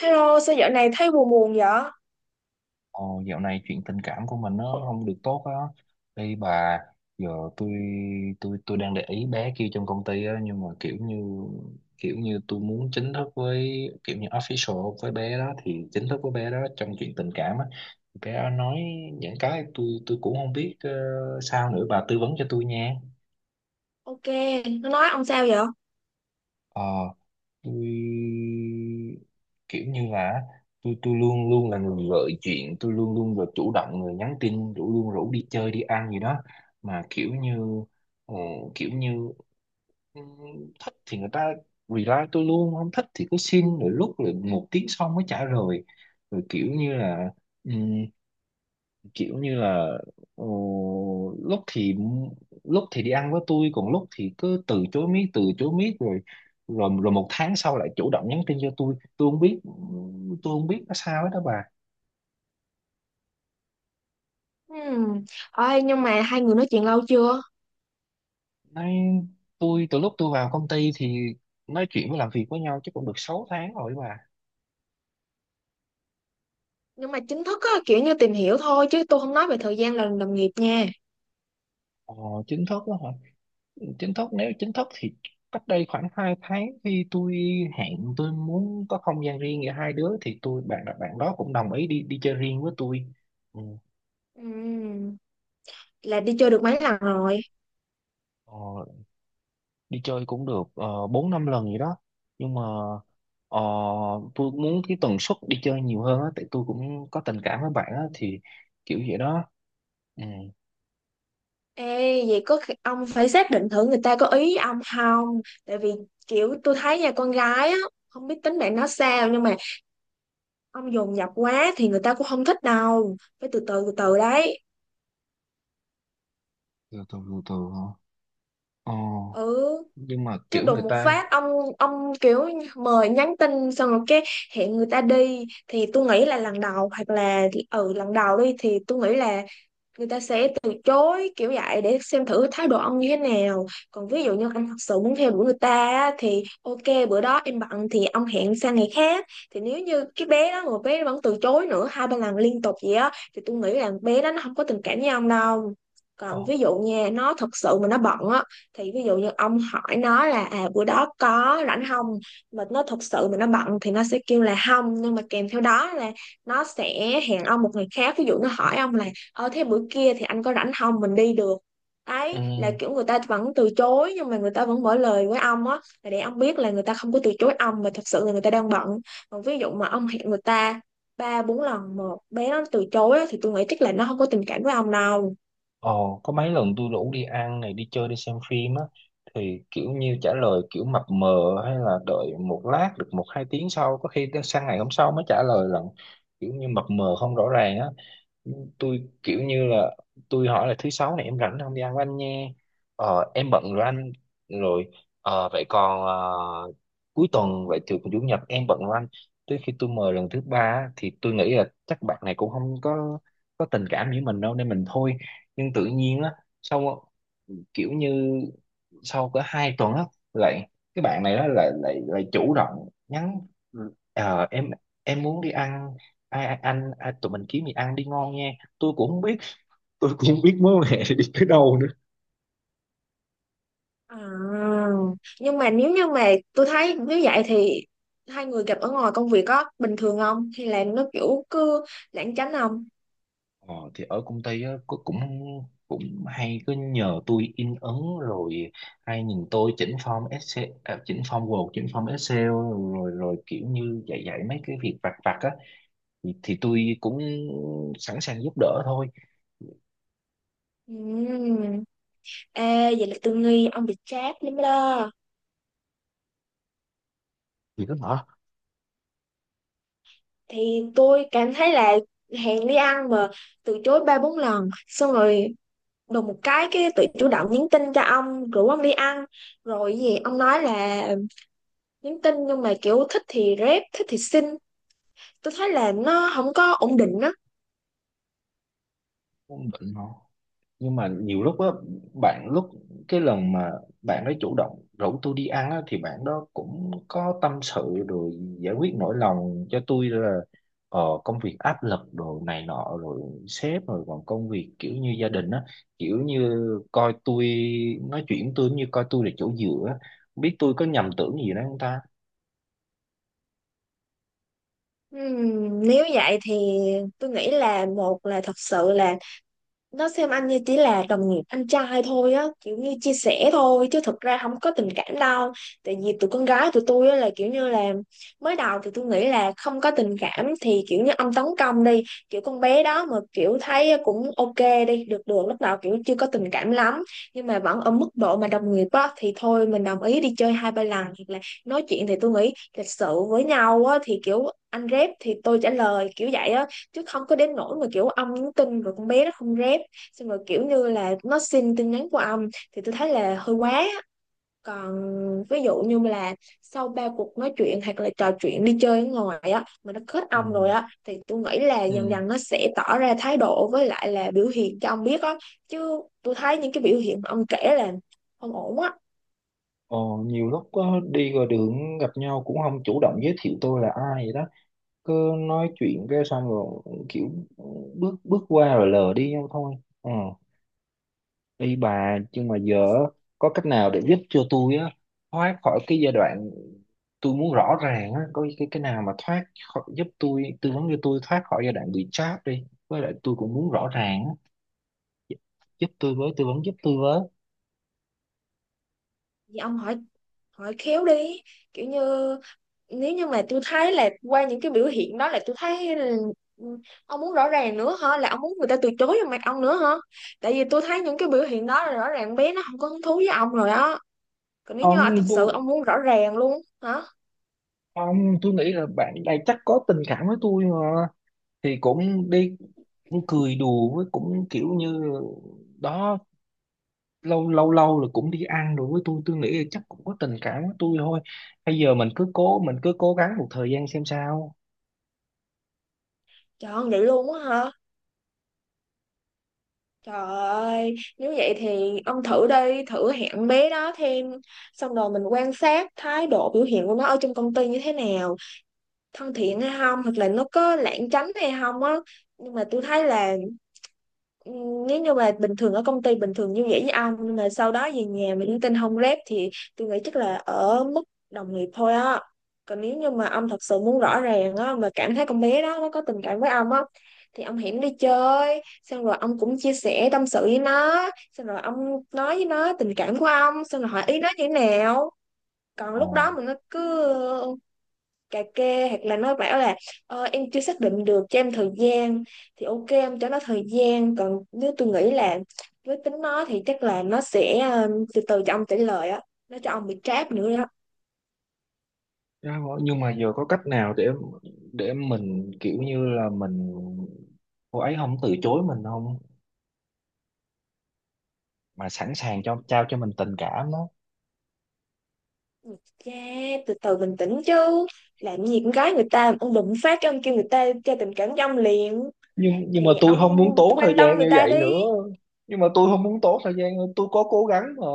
Hello, sao dạo này thấy buồn buồn vậy? Ồ, dạo này chuyện tình cảm của mình nó không được tốt á. Đây bà, giờ tôi tôi đang để ý bé kia trong công ty á, nhưng mà kiểu như tôi muốn chính thức với, kiểu như official với bé đó, thì chính thức với bé đó trong chuyện tình cảm á. Bé đó nói những cái tôi cũng không biết sao nữa, bà tư vấn cho tôi nha. Ok, nó nói ông sao vậy? ờ tôi kiểu như là tôi luôn luôn là người gợi chuyện, tôi luôn luôn là chủ động người nhắn tin rủ luôn, rủ đi chơi đi ăn gì đó, mà kiểu như ờ, kiểu như thích thì người ta reply tôi luôn, không thích thì cứ xin rồi lúc rồi một tiếng sau mới trả lời. Rồi kiểu như là ờ, lúc thì lúc thì đi ăn với tôi, còn lúc thì cứ từ chối miết rồi, rồi một tháng sau lại chủ động nhắn tin cho tôi. Tôi không biết nó sao hết đó bà. Hmm. Ôi, nhưng mà hai người nói chuyện lâu chưa? Nói, tôi từ lúc tôi vào công ty thì nói chuyện với, làm việc với nhau chứ cũng được 6 tháng rồi bà. Nhưng mà chính thức á, kiểu như tìm hiểu thôi chứ tôi không nói về thời gian làm đồng nghiệp nha. ờ, Chính thức đó hả? Chính thức, nếu chính thức thì cách đây khoảng 2 tháng, khi tôi hẹn tôi muốn có không gian riêng giữa hai đứa, thì bạn bạn đó cũng đồng ý đi, đi chơi riêng với tôi. Ừ. Ừm, Là đi chơi được mấy lần rồi? Ờ, đi chơi cũng được 4 5 lần gì đó, nhưng mà ờ, tôi muốn cái tần suất đi chơi nhiều hơn á, tại tôi cũng có tình cảm với bạn á, thì kiểu vậy đó. Ừ, Ê, vậy ông phải xác định thử người ta có ý với ông không? Tại vì kiểu tôi thấy nha con gái á, không biết tính bạn nó sao nhưng mà ông dồn dập quá thì người ta cũng không thích đâu. Phải từ từ từ từ đấy. từ từ từ từ hả? Ờ, Ừ. nhưng mà Chứ kiểu đùng người một ta. phát ông kiểu mời nhắn tin xong rồi cái hẹn người ta đi thì tôi nghĩ là lần đầu hoặc là lần đầu đi thì tôi nghĩ là người ta sẽ từ chối kiểu vậy để xem thử thái độ ông như thế nào. Còn ví dụ như anh thật sự muốn theo đuổi người ta á, thì ok bữa đó em bận thì ông hẹn sang ngày khác. Thì nếu như cái bé đó mà bé nó vẫn từ chối nữa hai ba lần liên tục vậy á thì tôi nghĩ là bé đó nó không có tình cảm với ông đâu. Còn Ồ, ví dụ nha, nó thật sự mà nó bận á, thì ví dụ như ông hỏi nó là à bữa đó có rảnh không, mà nó thật sự mà nó bận thì nó sẽ kêu là không, nhưng mà kèm theo đó là nó sẽ hẹn ông một ngày khác. Ví dụ nó hỏi ông là ờ thế bữa kia thì anh có rảnh không mình đi được, đấy là ừ. kiểu người ta vẫn từ chối nhưng mà người ta vẫn mở lời với ông á, là để ông biết là người ta không có từ chối ông mà thật sự là người ta đang bận. Còn ví dụ mà ông hẹn người ta ba bốn lần một bé nó từ chối á, thì tôi nghĩ chắc là nó không có tình cảm với ông đâu. Ồ, có mấy lần tôi rủ đi ăn này, đi chơi, đi xem phim á, thì kiểu như trả lời kiểu mập mờ, hay là đợi một lát, được một hai tiếng sau, có khi tới sang ngày hôm sau mới trả lời lần. Kiểu như mập mờ không rõ ràng á. Tôi kiểu như là tôi hỏi là thứ sáu này em rảnh không, đi ăn với anh nhé. Ờ, em bận rồi anh. Rồi ờ, vậy còn cuối tuần vậy thì chủ nhật em bận rồi anh. Tới khi tôi mời lần thứ ba á, thì tôi nghĩ là chắc bạn này cũng không có có tình cảm với mình đâu, nên mình thôi. Nhưng tự nhiên á, sau kiểu như sau cỡ hai tuần á, lại cái bạn này đó lại lại lại chủ động nhắn. Ờ, em muốn đi ăn, ai ai- anh ai, tụi mình kiếm gì ăn đi ngon nha. Tôi cũng không biết tôi cũng không biết mối quan hệ đi tới đâu nữa. À, nhưng mà nếu như mà tôi thấy nếu vậy thì hai người gặp ở ngoài công việc có bình thường không hay là nó kiểu cứ lảng tránh không? Ờ, thì ở công ty á cô cũng cũng hay cứ nhờ tôi in ấn, rồi hay nhìn tôi chỉnh form Excel à, chỉnh form Word, chỉnh form Excel, rồi rồi kiểu như dạy dạy mấy cái việc vặt vặt á, thì tôi cũng sẵn sàng giúp đỡ thôi. Ừm. Ê, vậy là tôi nghi ông bị trap lắm đó. Thì cứ hả? Thì tôi cảm thấy là hẹn đi ăn mà từ chối ba bốn lần xong rồi đùng một cái tự chủ động nhắn tin cho ông rủ ông đi ăn, rồi cái gì ông nói là nhắn tin nhưng mà kiểu thích thì rep thích thì xin, tôi thấy là nó không có ổn định đó. Không định hả? Nhưng mà nhiều lúc á, bạn lúc cái lần mà bạn ấy chủ động rủ tôi đi ăn á, thì bạn đó cũng có tâm sự rồi, giải quyết nỗi lòng cho tôi là công việc áp lực rồi này nọ, rồi sếp, rồi còn công việc kiểu như gia đình á, kiểu như coi tôi, nói chuyện tôi như coi tôi là chỗ dựa á. Không biết tôi có nhầm tưởng gì đó không ta. Nếu vậy thì tôi nghĩ là một là thật sự là nó xem anh như chỉ là đồng nghiệp anh trai thôi á, kiểu như chia sẻ thôi chứ thực ra không có tình cảm đâu. Tại vì tụi con gái tụi tôi á là kiểu như là mới đầu thì tôi nghĩ là không có tình cảm thì kiểu như ông tấn công đi, kiểu con bé đó mà kiểu thấy cũng ok, đi được được lúc nào kiểu chưa có tình cảm lắm nhưng mà vẫn ở mức độ mà đồng nghiệp á thì thôi mình đồng ý đi chơi hai ba lần, hoặc là nói chuyện thì tôi nghĩ lịch sự với nhau á thì kiểu anh rep thì tôi trả lời kiểu vậy á. Chứ không có đến nỗi mà kiểu ông nhắn tin rồi con bé nó không rep, xong rồi kiểu như là nó xin tin nhắn của ông, thì tôi thấy là hơi quá. Còn ví dụ như là sau ba cuộc nói chuyện hoặc là trò chuyện đi chơi ở ngoài á mà nó kết Ừ. ông rồi á, thì tôi nghĩ là Ừ. dần dần nó sẽ tỏ ra thái độ với lại là biểu hiện cho ông biết á. Chứ tôi thấy những cái biểu hiện mà ông kể là không ổn á. Ờ, nhiều lúc có đi ngoài đường gặp nhau cũng không chủ động giới thiệu tôi là ai vậy đó, cứ nói chuyện cái xong rồi kiểu bước bước qua rồi lờ đi nhau thôi. Ừ. Đi bà, nhưng mà giờ á, có cách nào để giúp cho tôi á thoát khỏi cái giai đoạn, tôi muốn rõ ràng á, có cái nào mà thoát khỏi, giúp tôi tư vấn cho tôi thoát khỏi giai đoạn bị trap đi, với lại tôi cũng muốn rõ ràng á, giúp tôi với, tư vấn giúp tôi với. Thì ông hỏi, hỏi khéo đi, kiểu như nếu như mà tôi thấy là qua những cái biểu hiện đó là tôi thấy là ông muốn rõ ràng nữa hả, là ông muốn người ta từ chối vào mặt ông nữa hả? Tại vì tôi thấy những cái biểu hiện đó là rõ ràng bé nó không có hứng thú với ông rồi đó. Còn nếu như ông là thật tôi sự ông muốn rõ ràng luôn. Hả? ông, tôi nghĩ là bạn này chắc có tình cảm với tôi mà, thì cũng đi, cũng cười đùa với, cũng kiểu như đó, lâu lâu lâu rồi cũng đi ăn rồi với tôi nghĩ là chắc cũng có tình cảm với tôi thôi. Bây giờ mình cứ cố, mình cứ cố gắng một thời gian xem sao. Trời ơi, vậy luôn á hả? Trời ơi, nếu vậy thì ông thử đi, thử hẹn bé đó thêm, xong rồi mình quan sát thái độ biểu hiện của nó ở trong công ty như thế nào, thân thiện hay không hoặc là nó có lãng tránh hay không á. Nhưng mà tôi thấy là ừ, nếu như mà bình thường ở công ty bình thường như vậy với ông nhưng mà sau đó về nhà mà linh tinh không rep thì tôi nghĩ chắc là ở mức đồng nghiệp thôi á. Còn nếu như mà ông thật sự muốn rõ ràng á mà cảm thấy con bé đó nó có tình cảm với ông á, thì ông hẹn đi chơi xong rồi ông cũng chia sẻ tâm sự với nó, xong rồi ông nói với nó tình cảm của ông, xong rồi hỏi ý nó như thế nào. Còn Ồ, lúc đó mà nó cứ cà kê hoặc là nói bảo là em chưa xác định được cho em thời gian, thì ok em cho nó thời gian. Còn nếu tôi nghĩ là với tính nó thì chắc là nó sẽ từ từ cho ông trả lời á, nó cho ông bị trap nữa đó. Nhưng mà giờ có cách nào để mình kiểu như là mình, cô ấy không từ chối mình không, mà sẵn sàng cho, trao cho mình tình cảm đó. Yeah, từ từ bình tĩnh chứ, làm gì con gái người ta ông đụng phát cái ông kêu người ta cho tình cảm cho ông liền. Nhưng mà Thì tôi ông không muốn tốn thời quan tâm gian người như ta vậy đi. nữa. Nhưng mà tôi không muốn tốn thời gian, tôi có cố gắng mà.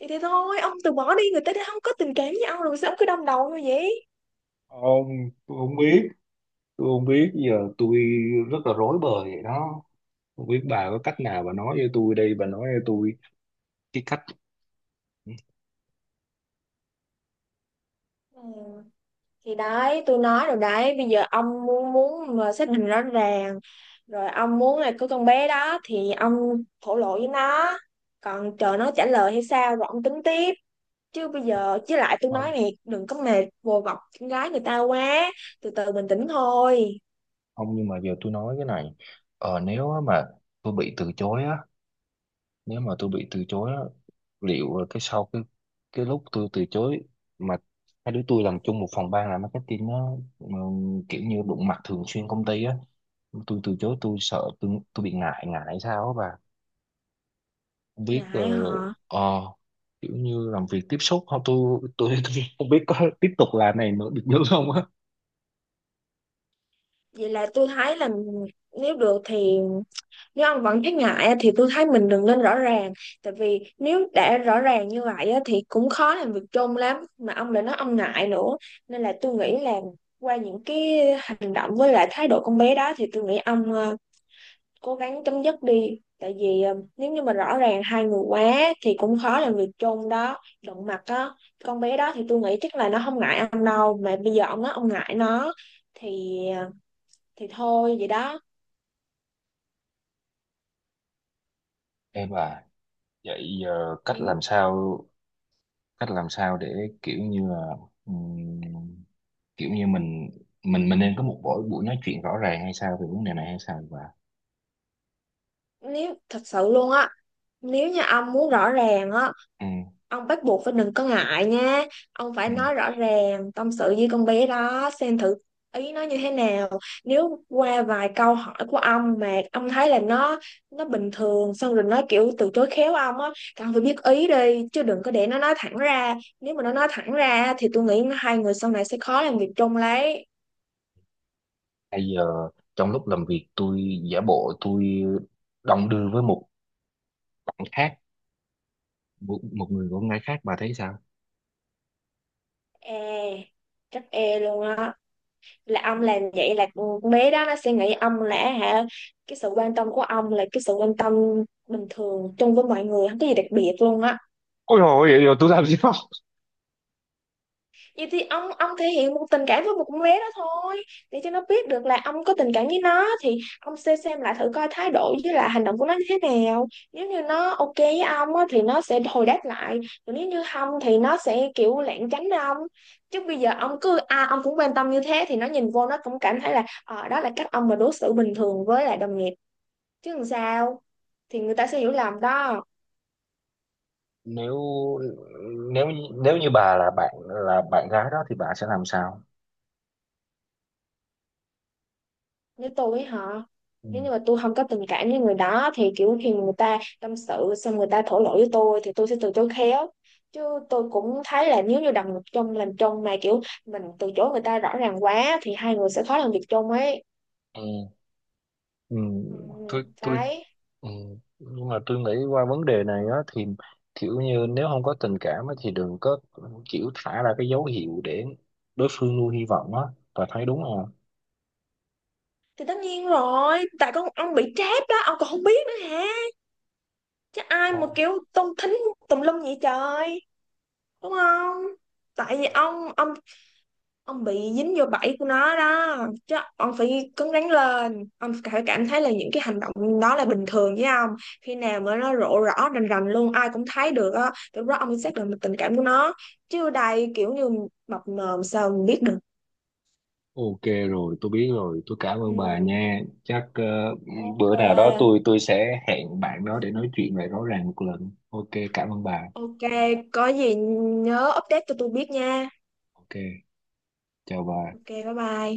Thì thế thôi, ông từ bỏ đi, người ta đã không có tình cảm với ông rồi sao ông cứ đâm đầu như vậy. Ông, tôi không biết, tôi không biết, giờ tôi rất là rối bời vậy đó. Không biết bà có cách nào, bà nói với tôi đây, bà nói với tôi cái cách. Ừ. Thì đấy tôi nói rồi đấy, bây giờ ông muốn muốn mà xác định rõ ràng, rồi ông muốn là có con bé đó thì ông thổ lộ với nó, còn chờ nó trả lời hay sao rồi ông tính tiếp. Chứ bây giờ lại tôi nói Không, này, đừng có mệt vồ vập con gái người ta quá. Từ từ bình tĩnh thôi. không, nhưng mà giờ tôi nói cái này. Ờ, nếu á mà tôi bị từ chối á, nếu mà tôi bị từ chối á, liệu là cái sau cái lúc tôi từ chối mà hai đứa tôi làm chung một phòng ban, làm marketing á, mà kiểu như đụng mặt thường xuyên công ty á, tôi từ chối tôi sợ tôi bị ngại, ngại sao á bà? Không biết Ngại họ. ờ, kiểu như làm việc tiếp xúc không, tôi tôi không biết có tiếp tục làm này nữa được nữa không á. Vậy là tôi thấy là nếu được thì nếu ông vẫn thấy ngại á, thì tôi thấy mình đừng nên rõ ràng. Tại vì nếu đã rõ ràng như vậy á, thì cũng khó làm việc chung lắm mà ông lại nói ông ngại nữa. Nên là tôi nghĩ là qua những cái hành động với lại thái độ con bé đó thì tôi nghĩ ông cố gắng chấm dứt đi. Tại vì nếu như mà rõ ràng hai người quá thì cũng khó làm việc chung đó, đụng mặt á. Con bé đó thì tôi nghĩ chắc là nó không ngại ông đâu mà bây giờ ông nói ông ngại nó, thì ờ, thì thôi vậy đó. Em à, vậy ờ, cách Ừ. làm sao, cách làm sao để kiểu như là ừm, kiểu như mình, mình nên có một buổi buổi nói chuyện rõ ràng hay sao về vấn đề này hay sao, và Nếu thật sự luôn á. Nếu như ông muốn rõ ràng á, ừ, ông bắt buộc phải đừng có ngại nha. Ông phải ừ. nói rõ ràng, tâm sự với con bé đó, xem thử ý nó như thế nào. Nếu qua vài câu hỏi của ông mà ông thấy là nó bình thường, xong rồi nó kiểu từ chối khéo ông á, thì ông phải biết ý đi, chứ đừng có để nó nói thẳng ra. Nếu mà nó nói thẳng ra thì tôi nghĩ hai người sau này sẽ khó làm việc chung lấy. Bây giờ trong lúc làm việc tôi giả bộ tôi đồng đưa với một bạn khác, một người con gái khác, bà thấy sao? E, chắc e luôn á. Là ông làm vậy là con bé đó nó sẽ nghĩ ông là hả, cái sự quan tâm của ông là cái sự quan tâm bình thường chung với mọi người không có gì đặc biệt luôn á. Ôi dồi ôi, vậy rồi tôi làm gì đó. Vậy thì ông thể hiện một tình cảm với một con bé đó thôi, để cho nó biết được là ông có tình cảm với nó, thì ông sẽ xem lại thử coi thái độ với là hành động của nó như thế nào. Nếu như nó ok với ông á, thì nó sẽ hồi đáp lại. Còn nếu như không thì nó sẽ kiểu lảng tránh ông. Chứ bây giờ ông cứ à ông cũng quan tâm như thế thì nó nhìn vô nó cũng cảm thấy là ờ đó là cách ông mà đối xử bình thường với lại đồng nghiệp, chứ làm sao, thì người ta sẽ hiểu lầm đó. Nếu nếu như bà là bạn, là bạn gái đó, thì bà sẽ làm sao? Nếu tôi với họ, Ừ. nếu như mà tôi không có tình cảm với người đó thì kiểu khi người ta tâm sự xong người ta thổ lộ với tôi thì tôi sẽ từ chối khéo. Chứ tôi cũng thấy là nếu như đồng nghiệp chung làm chung mà kiểu mình từ chối người ta rõ ràng quá thì hai người sẽ khó làm việc chung ấy. Ừ, ừ, Ừ, tôi đấy. ừ, nhưng mà tôi nghĩ qua vấn đề này á, thì kiểu như nếu không có tình cảm á, thì đừng có kiểu thả ra cái dấu hiệu để đối phương nuôi hy vọng á, bà thấy đúng không? Thì tất nhiên rồi, tại con ông bị trap đó ông còn không biết nữa hả? Chứ ai Ồ, mà kiểu tung thính tùm lum vậy trời, đúng không? Tại vì ông bị dính vô bẫy của nó đó. Chứ ông phải cứng rắn lên, ông phải cảm thấy là những cái hành động đó là bình thường với ông. Khi nào mà nó rộ rõ rành rành luôn ai cũng thấy được á thì lúc đó ông mới xác định được tình cảm của nó. Chứ đây kiểu như mập mờ sao mình biết được. Ok rồi, tôi biết rồi, tôi cảm ơn bà Ừ, nha. Chắc ờ, bữa nào đó ok. tôi sẽ hẹn bạn đó để nói chuyện lại rõ ràng một lần. Ok, cảm ơn bà. Ok, có gì nhớ update cho tôi biết nha. Ok, chào bà. Ok, bye bye.